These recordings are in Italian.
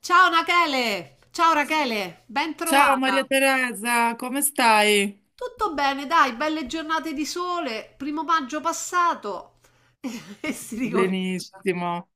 Ciao Rachele, ben Ciao Maria trovata. Teresa, come stai? Tutto bene, dai, belle giornate di sole, primo maggio passato e si ricomincia. Benissimo.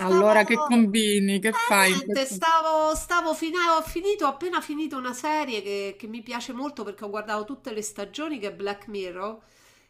Stavo... Allora, che combini? Che fai in niente, questo... stavo, stavo fina- ho finito, ho appena finito una serie che mi piace molto perché ho guardato tutte le stagioni, che è Black Mirror,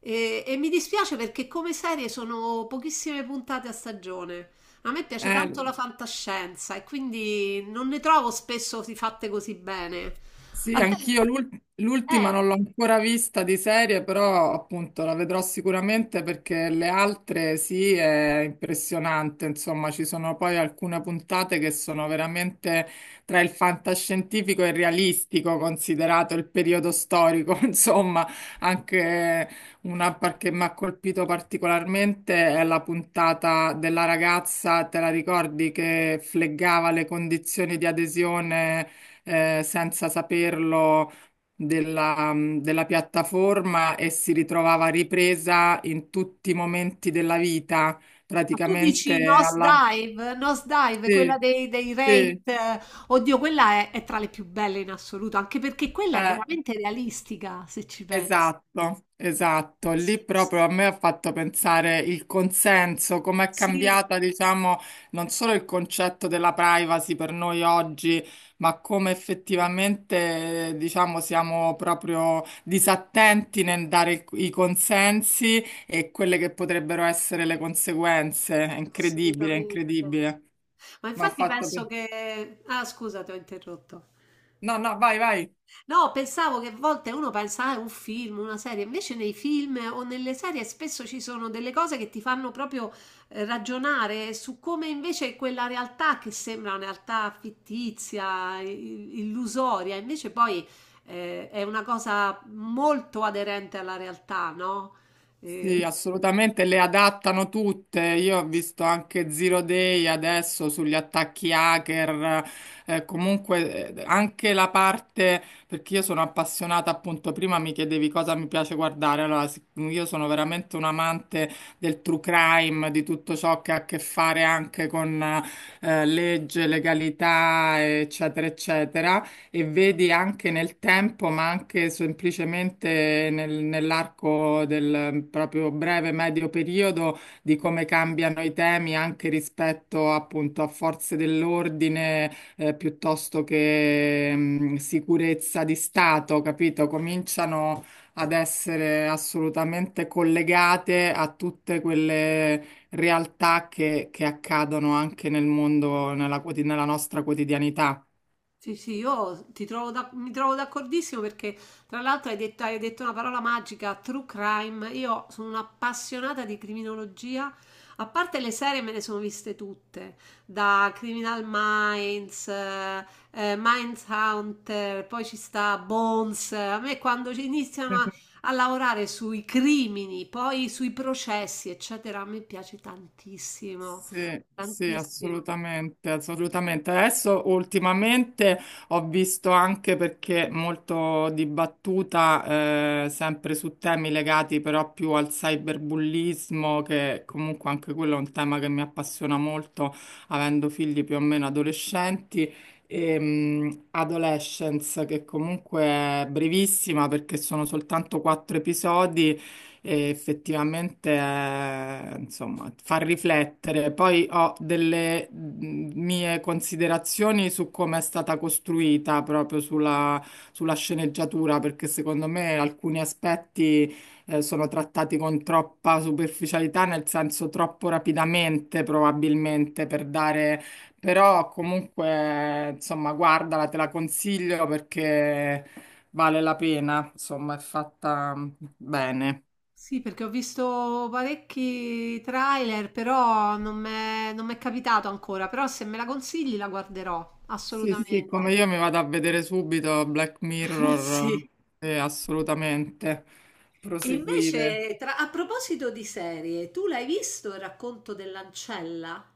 e mi dispiace perché come serie sono pochissime puntate a stagione. A me piace Eh, tanto la fantascienza e quindi non ne trovo spesso di fatte così bene. Sì, A te? anch'io l'ultima non l'ho ancora vista di serie, però appunto la vedrò sicuramente perché le altre sì, è impressionante, insomma, ci sono poi alcune puntate che sono veramente tra il fantascientifico e il realistico, considerato il periodo storico, insomma, anche che mi ha colpito particolarmente è la puntata della ragazza, te la ricordi, che fleggava le condizioni di adesione? Eh, senza saperlo della piattaforma e si ritrovava ripresa in tutti i momenti della vita, Ma tu praticamente dici alla... Nosedive? Nosedive, quella Sì, dei sì, Wraith, eh. Oddio, quella è tra le più belle in assoluto, anche perché quella è eh. veramente realistica, se ci pensi. Esatto, esatto. Sì, Lì sì, proprio a me ha fatto pensare il consenso, come è sì, cambiata, diciamo, non solo il concetto della privacy per noi oggi, ma come effettivamente, diciamo, siamo proprio disattenti nel dare i consensi e quelle che potrebbero essere le conseguenze. È incredibile, è assolutamente. incredibile. Ma Ma ha infatti fatto penso pensare. che... Ah, scusa, ti ho interrotto. No, no, vai, vai. No, pensavo che a volte uno pensa, ah, è un film, una serie, invece nei film o nelle serie spesso ci sono delle cose che ti fanno proprio ragionare su come invece quella realtà che sembra una realtà fittizia, illusoria, invece poi è una cosa molto aderente alla realtà, no? Sì, Eh, assolutamente, le adattano tutte. Io ho visto anche Zero Day adesso sugli attacchi hacker, comunque anche la parte, perché io sono appassionata, appunto, prima mi chiedevi cosa mi piace guardare, allora io sono veramente un amante del true crime, di tutto ciò che ha a che fare anche con legge, legalità, eccetera, eccetera, e vedi anche nel tempo, ma anche semplicemente nell'arco del proprio breve medio periodo, di come cambiano i temi anche rispetto appunto a forze dell'ordine, piuttosto che sicurezza di Stato, capito? Cominciano ad essere assolutamente collegate a tutte quelle realtà che accadono anche nel mondo, nella nella nostra quotidianità. Sì, sì, io ti mi trovo d'accordissimo perché tra l'altro hai detto una parola magica, true crime. Io sono un'appassionata di criminologia, a parte le serie me ne sono viste tutte, da Criminal Minds, Mindhunter, poi ci sta Bones. A me quando ci iniziano a lavorare sui crimini, poi sui processi, eccetera, a me piace tantissimo, Sì, sì, tantissimo. assolutamente, assolutamente. Adesso ultimamente ho visto anche perché molto dibattuta, sempre su temi legati però più al cyberbullismo, che comunque anche quello è un tema che mi appassiona molto, avendo figli più o meno adolescenti. E, Adolescence, che comunque è brevissima perché sono soltanto quattro episodi e effettivamente insomma fa riflettere. Poi ho delle mie considerazioni su come è stata costruita proprio sulla, sulla sceneggiatura, perché secondo me alcuni aspetti sono trattati con troppa superficialità, nel senso troppo rapidamente probabilmente per dare... Però comunque, insomma, guardala, te la consiglio perché vale la pena, insomma, è fatta bene. Sì, perché ho visto parecchi trailer, però non m'è capitato ancora. Però se me la consigli la guarderò, Sì, sì, come assolutamente. io mi vado a vedere subito Black Mirror, Sì. Assolutamente. E Proseguire. invece, a proposito di serie, tu l'hai visto Il racconto dell'ancella?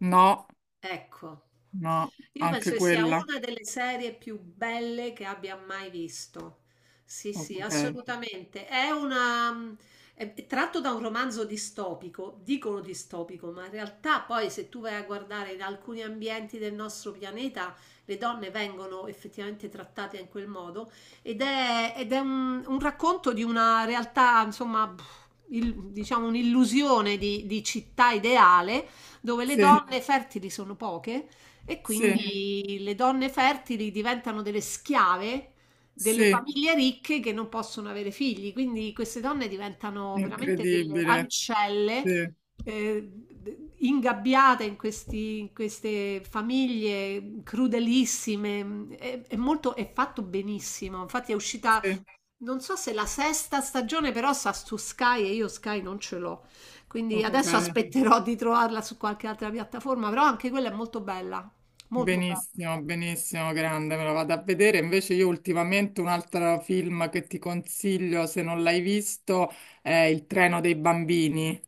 No, Ecco. no, Io penso anche che sia quella. una delle serie più belle che abbia mai visto. Sì, sì, Ok. assolutamente. È una... È tratto da un romanzo distopico, dicono distopico, ma in realtà poi se tu vai a guardare in alcuni ambienti del nostro pianeta, le donne vengono effettivamente trattate in quel modo un racconto di una realtà, insomma, pff, diciamo un'illusione di città ideale dove le Sì, donne fertili sono poche e sì, quindi le donne fertili diventano delle schiave delle sì, famiglie ricche che non possono avere figli. Quindi queste donne diventano veramente delle incredibile. ancelle, Sì, ingabbiate in in queste famiglie crudelissime. È fatto benissimo. Infatti è uscita sì, non so se la sesta stagione, però sta su Sky e io Sky non ce l'ho, quindi ok. adesso, ok, aspetterò di trovarla su qualche altra piattaforma, però anche quella è molto bella, molto bella. Benissimo, benissimo, grande, me lo vado a vedere. Invece io ultimamente un altro film che ti consiglio, se non l'hai visto, è Il treno dei bambini.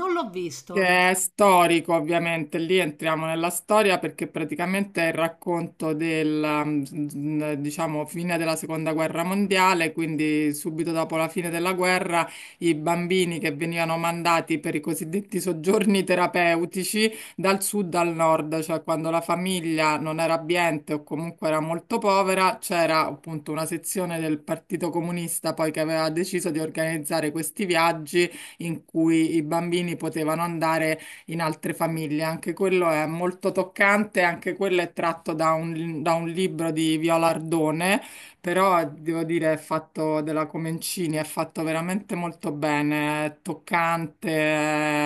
Non l'ho Che visto. è storico, ovviamente, lì entriamo nella storia perché praticamente è il racconto del, mm, diciamo, fine della seconda guerra mondiale, quindi subito dopo la fine della guerra i bambini che venivano mandati per i cosiddetti soggiorni terapeutici dal sud al nord, cioè quando la famiglia non era abbiente o comunque era molto povera, c'era appunto una sezione del Partito Comunista poi che aveva deciso di organizzare questi viaggi in cui i bambini potevano andare in altre famiglie. Anche quello è molto toccante, anche quello è tratto da un libro di Viola Ardone, però devo dire è fatto della Comencini, è fatto veramente molto bene, è toccante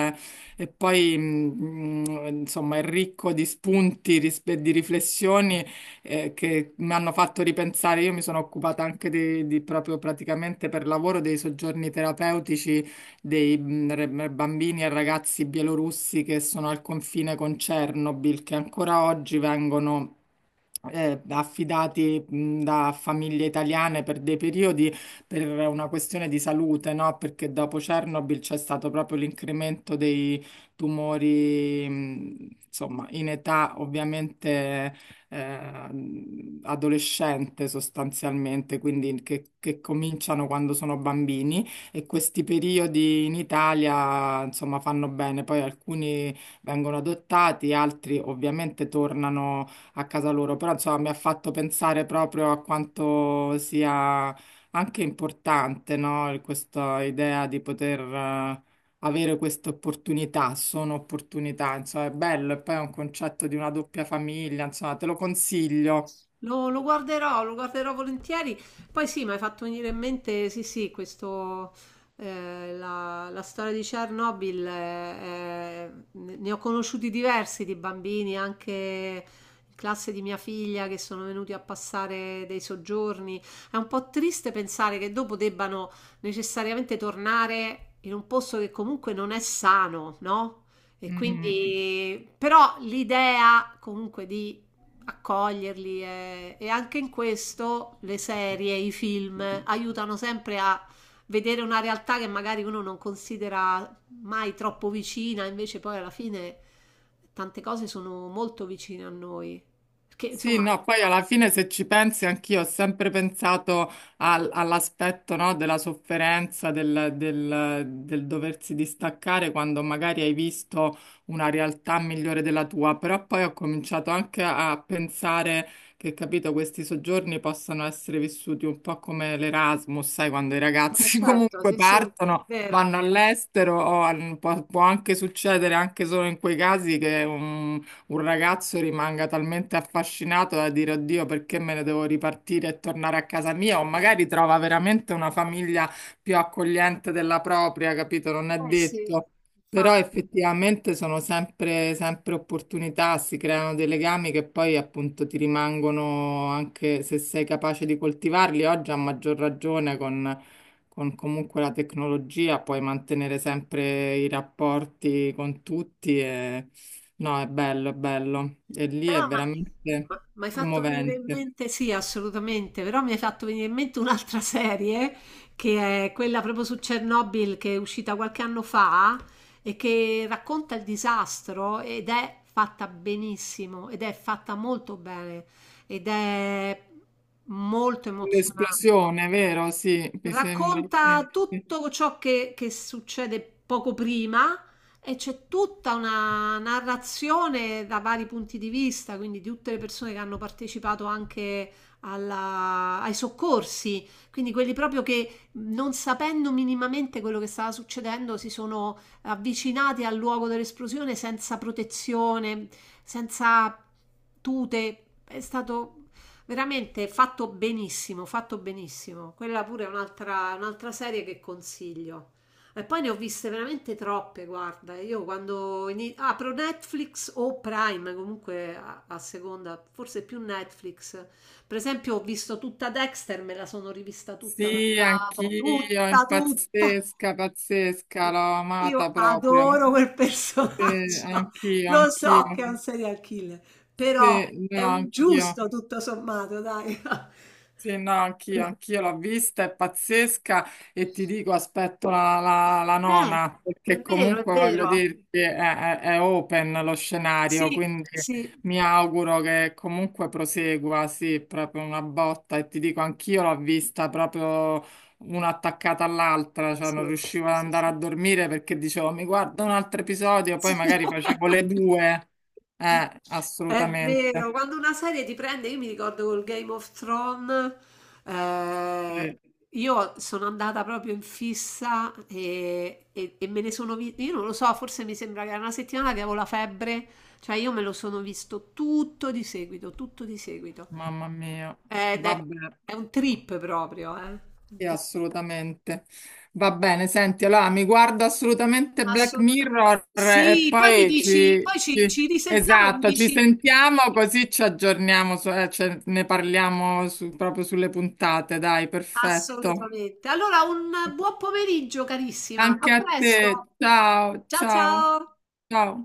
e poi insomma è ricco di spunti, e di riflessioni che mi hanno fatto ripensare. Io mi sono occupata anche di proprio praticamente per lavoro dei soggiorni terapeutici dei bambini e ragazzi bielorussi che sono al confine con Chernobyl, che ancora oggi vengono affidati da famiglie italiane per dei periodi per una questione di salute, no? Perché dopo Chernobyl c'è stato proprio l'incremento dei tumori, insomma, in età ovviamente eh, adolescente sostanzialmente, quindi che cominciano quando sono bambini e questi periodi in Italia, insomma, fanno bene. Poi alcuni vengono adottati, altri ovviamente tornano a casa loro, però insomma mi ha fatto pensare proprio a quanto sia anche importante, no? Questa idea di poter avere queste opportunità, sono opportunità, insomma è bello e poi è un concetto di una doppia famiglia, insomma te lo consiglio. Lo, lo guarderò volentieri. Poi sì, mi hai fatto venire in mente, sì, sì, questo, la storia di Chernobyl, ne ho conosciuti diversi di bambini, anche in classe di mia figlia, che sono venuti a passare dei soggiorni. È un po' triste pensare che dopo debbano necessariamente tornare in un posto che comunque non è sano, no? E Mm, mm. quindi, però l'idea comunque di accoglierli, e anche in questo le serie, i film aiutano sempre a vedere una realtà che magari uno non considera mai troppo vicina, invece poi alla fine tante cose sono molto vicine a noi. Perché Sì, insomma, no, poi alla fine se ci pensi anch'io ho sempre pensato all'aspetto, no, della sofferenza, del doversi distaccare quando magari hai visto una realtà migliore della tua, però poi ho cominciato anche a pensare che, capito, questi soggiorni possano essere vissuti un po' come l'Erasmus, sai, quando i eh, ragazzi certo, comunque sì, sì, è partono. vero. Vanno all'estero, o può, può anche succedere anche solo in quei casi che un ragazzo rimanga talmente affascinato da dire oddio, perché me ne devo ripartire e tornare a casa mia? O magari trova veramente una famiglia più accogliente della propria, capito? Non è Eh sì, detto. Però infatti. effettivamente sono sempre, sempre opportunità, si creano dei legami che poi appunto ti rimangono anche se sei capace di coltivarli. Oggi a maggior ragione con comunque la tecnologia puoi mantenere sempre i rapporti con tutti. No, è bello, è bello. E lì Però, è ma veramente mi hai fatto venire in commovente. mente, sì, assolutamente, però mi hai fatto venire in mente un'altra serie che è quella proprio su Chernobyl che è uscita qualche anno fa e che racconta il disastro ed è fatta benissimo, ed è fatta molto bene, ed è molto emozionante. L'esplosione, vero? Sì, mi sembra. Racconta Sì, sì. tutto ciò che succede poco prima e c'è tutta una narrazione da vari punti di vista, quindi di tutte le persone che hanno partecipato anche ai soccorsi, quindi quelli proprio che, non sapendo minimamente quello che stava succedendo, si sono avvicinati al luogo dell'esplosione senza protezione, senza tute. È stato veramente fatto benissimo, fatto benissimo. Quella pure è un'altra serie che consiglio. E poi ne ho viste veramente troppe, guarda. Io quando apro Netflix o Prime, comunque a seconda, forse più Netflix. Per esempio, ho visto tutta Dexter, me la sono rivista tutta da Sì, capo. anch'io, è pazzesca, pazzesca, l'ho amata Io proprio. adoro quel Sì, personaggio. anch'io, Lo so anch'io. che è un serial killer, però Sì, è no, un anch'io. giusto tutto sommato, dai. Sì, no, anch'io, anch'io l'ho vista, è pazzesca e ti dico, aspetto la, la Eh, nona, è perché vero, è comunque voglio vero. dirti, è, è open lo scenario, Sì, quindi sì, mi auguro che comunque prosegua, sì, proprio una botta e ti dico, anch'io l'ho vista proprio una attaccata all'altra, cioè non sì, riuscivo ad sì, andare a sì. dormire perché dicevo, mi guardo un altro episodio, Sì. poi magari facevo le due, È vero, assolutamente, quando una serie ti prende, io mi ricordo col Game of Thrones, eh, sì, io sono andata proprio in fissa e me ne sono vista, io non lo so, forse mi sembra che era una settimana che avevo la febbre, cioè io me lo sono visto tutto di seguito, tutto di seguito. mamma mia, Ed vabbè. è un trip proprio, eh. Sì, assolutamente. Va bene, senti, allora mi guardo assolutamente Black Assoluta, Mirror e sì, poi mi poi dici, poi ci ci risentiamo e mi esatto, ci dici, sentiamo così ci aggiorniamo, ne parliamo proprio sulle puntate, dai, perfetto. assolutamente. Allora un buon pomeriggio carissima, Anche a a presto. te, ciao, Ciao, ciao, ciao. ciao.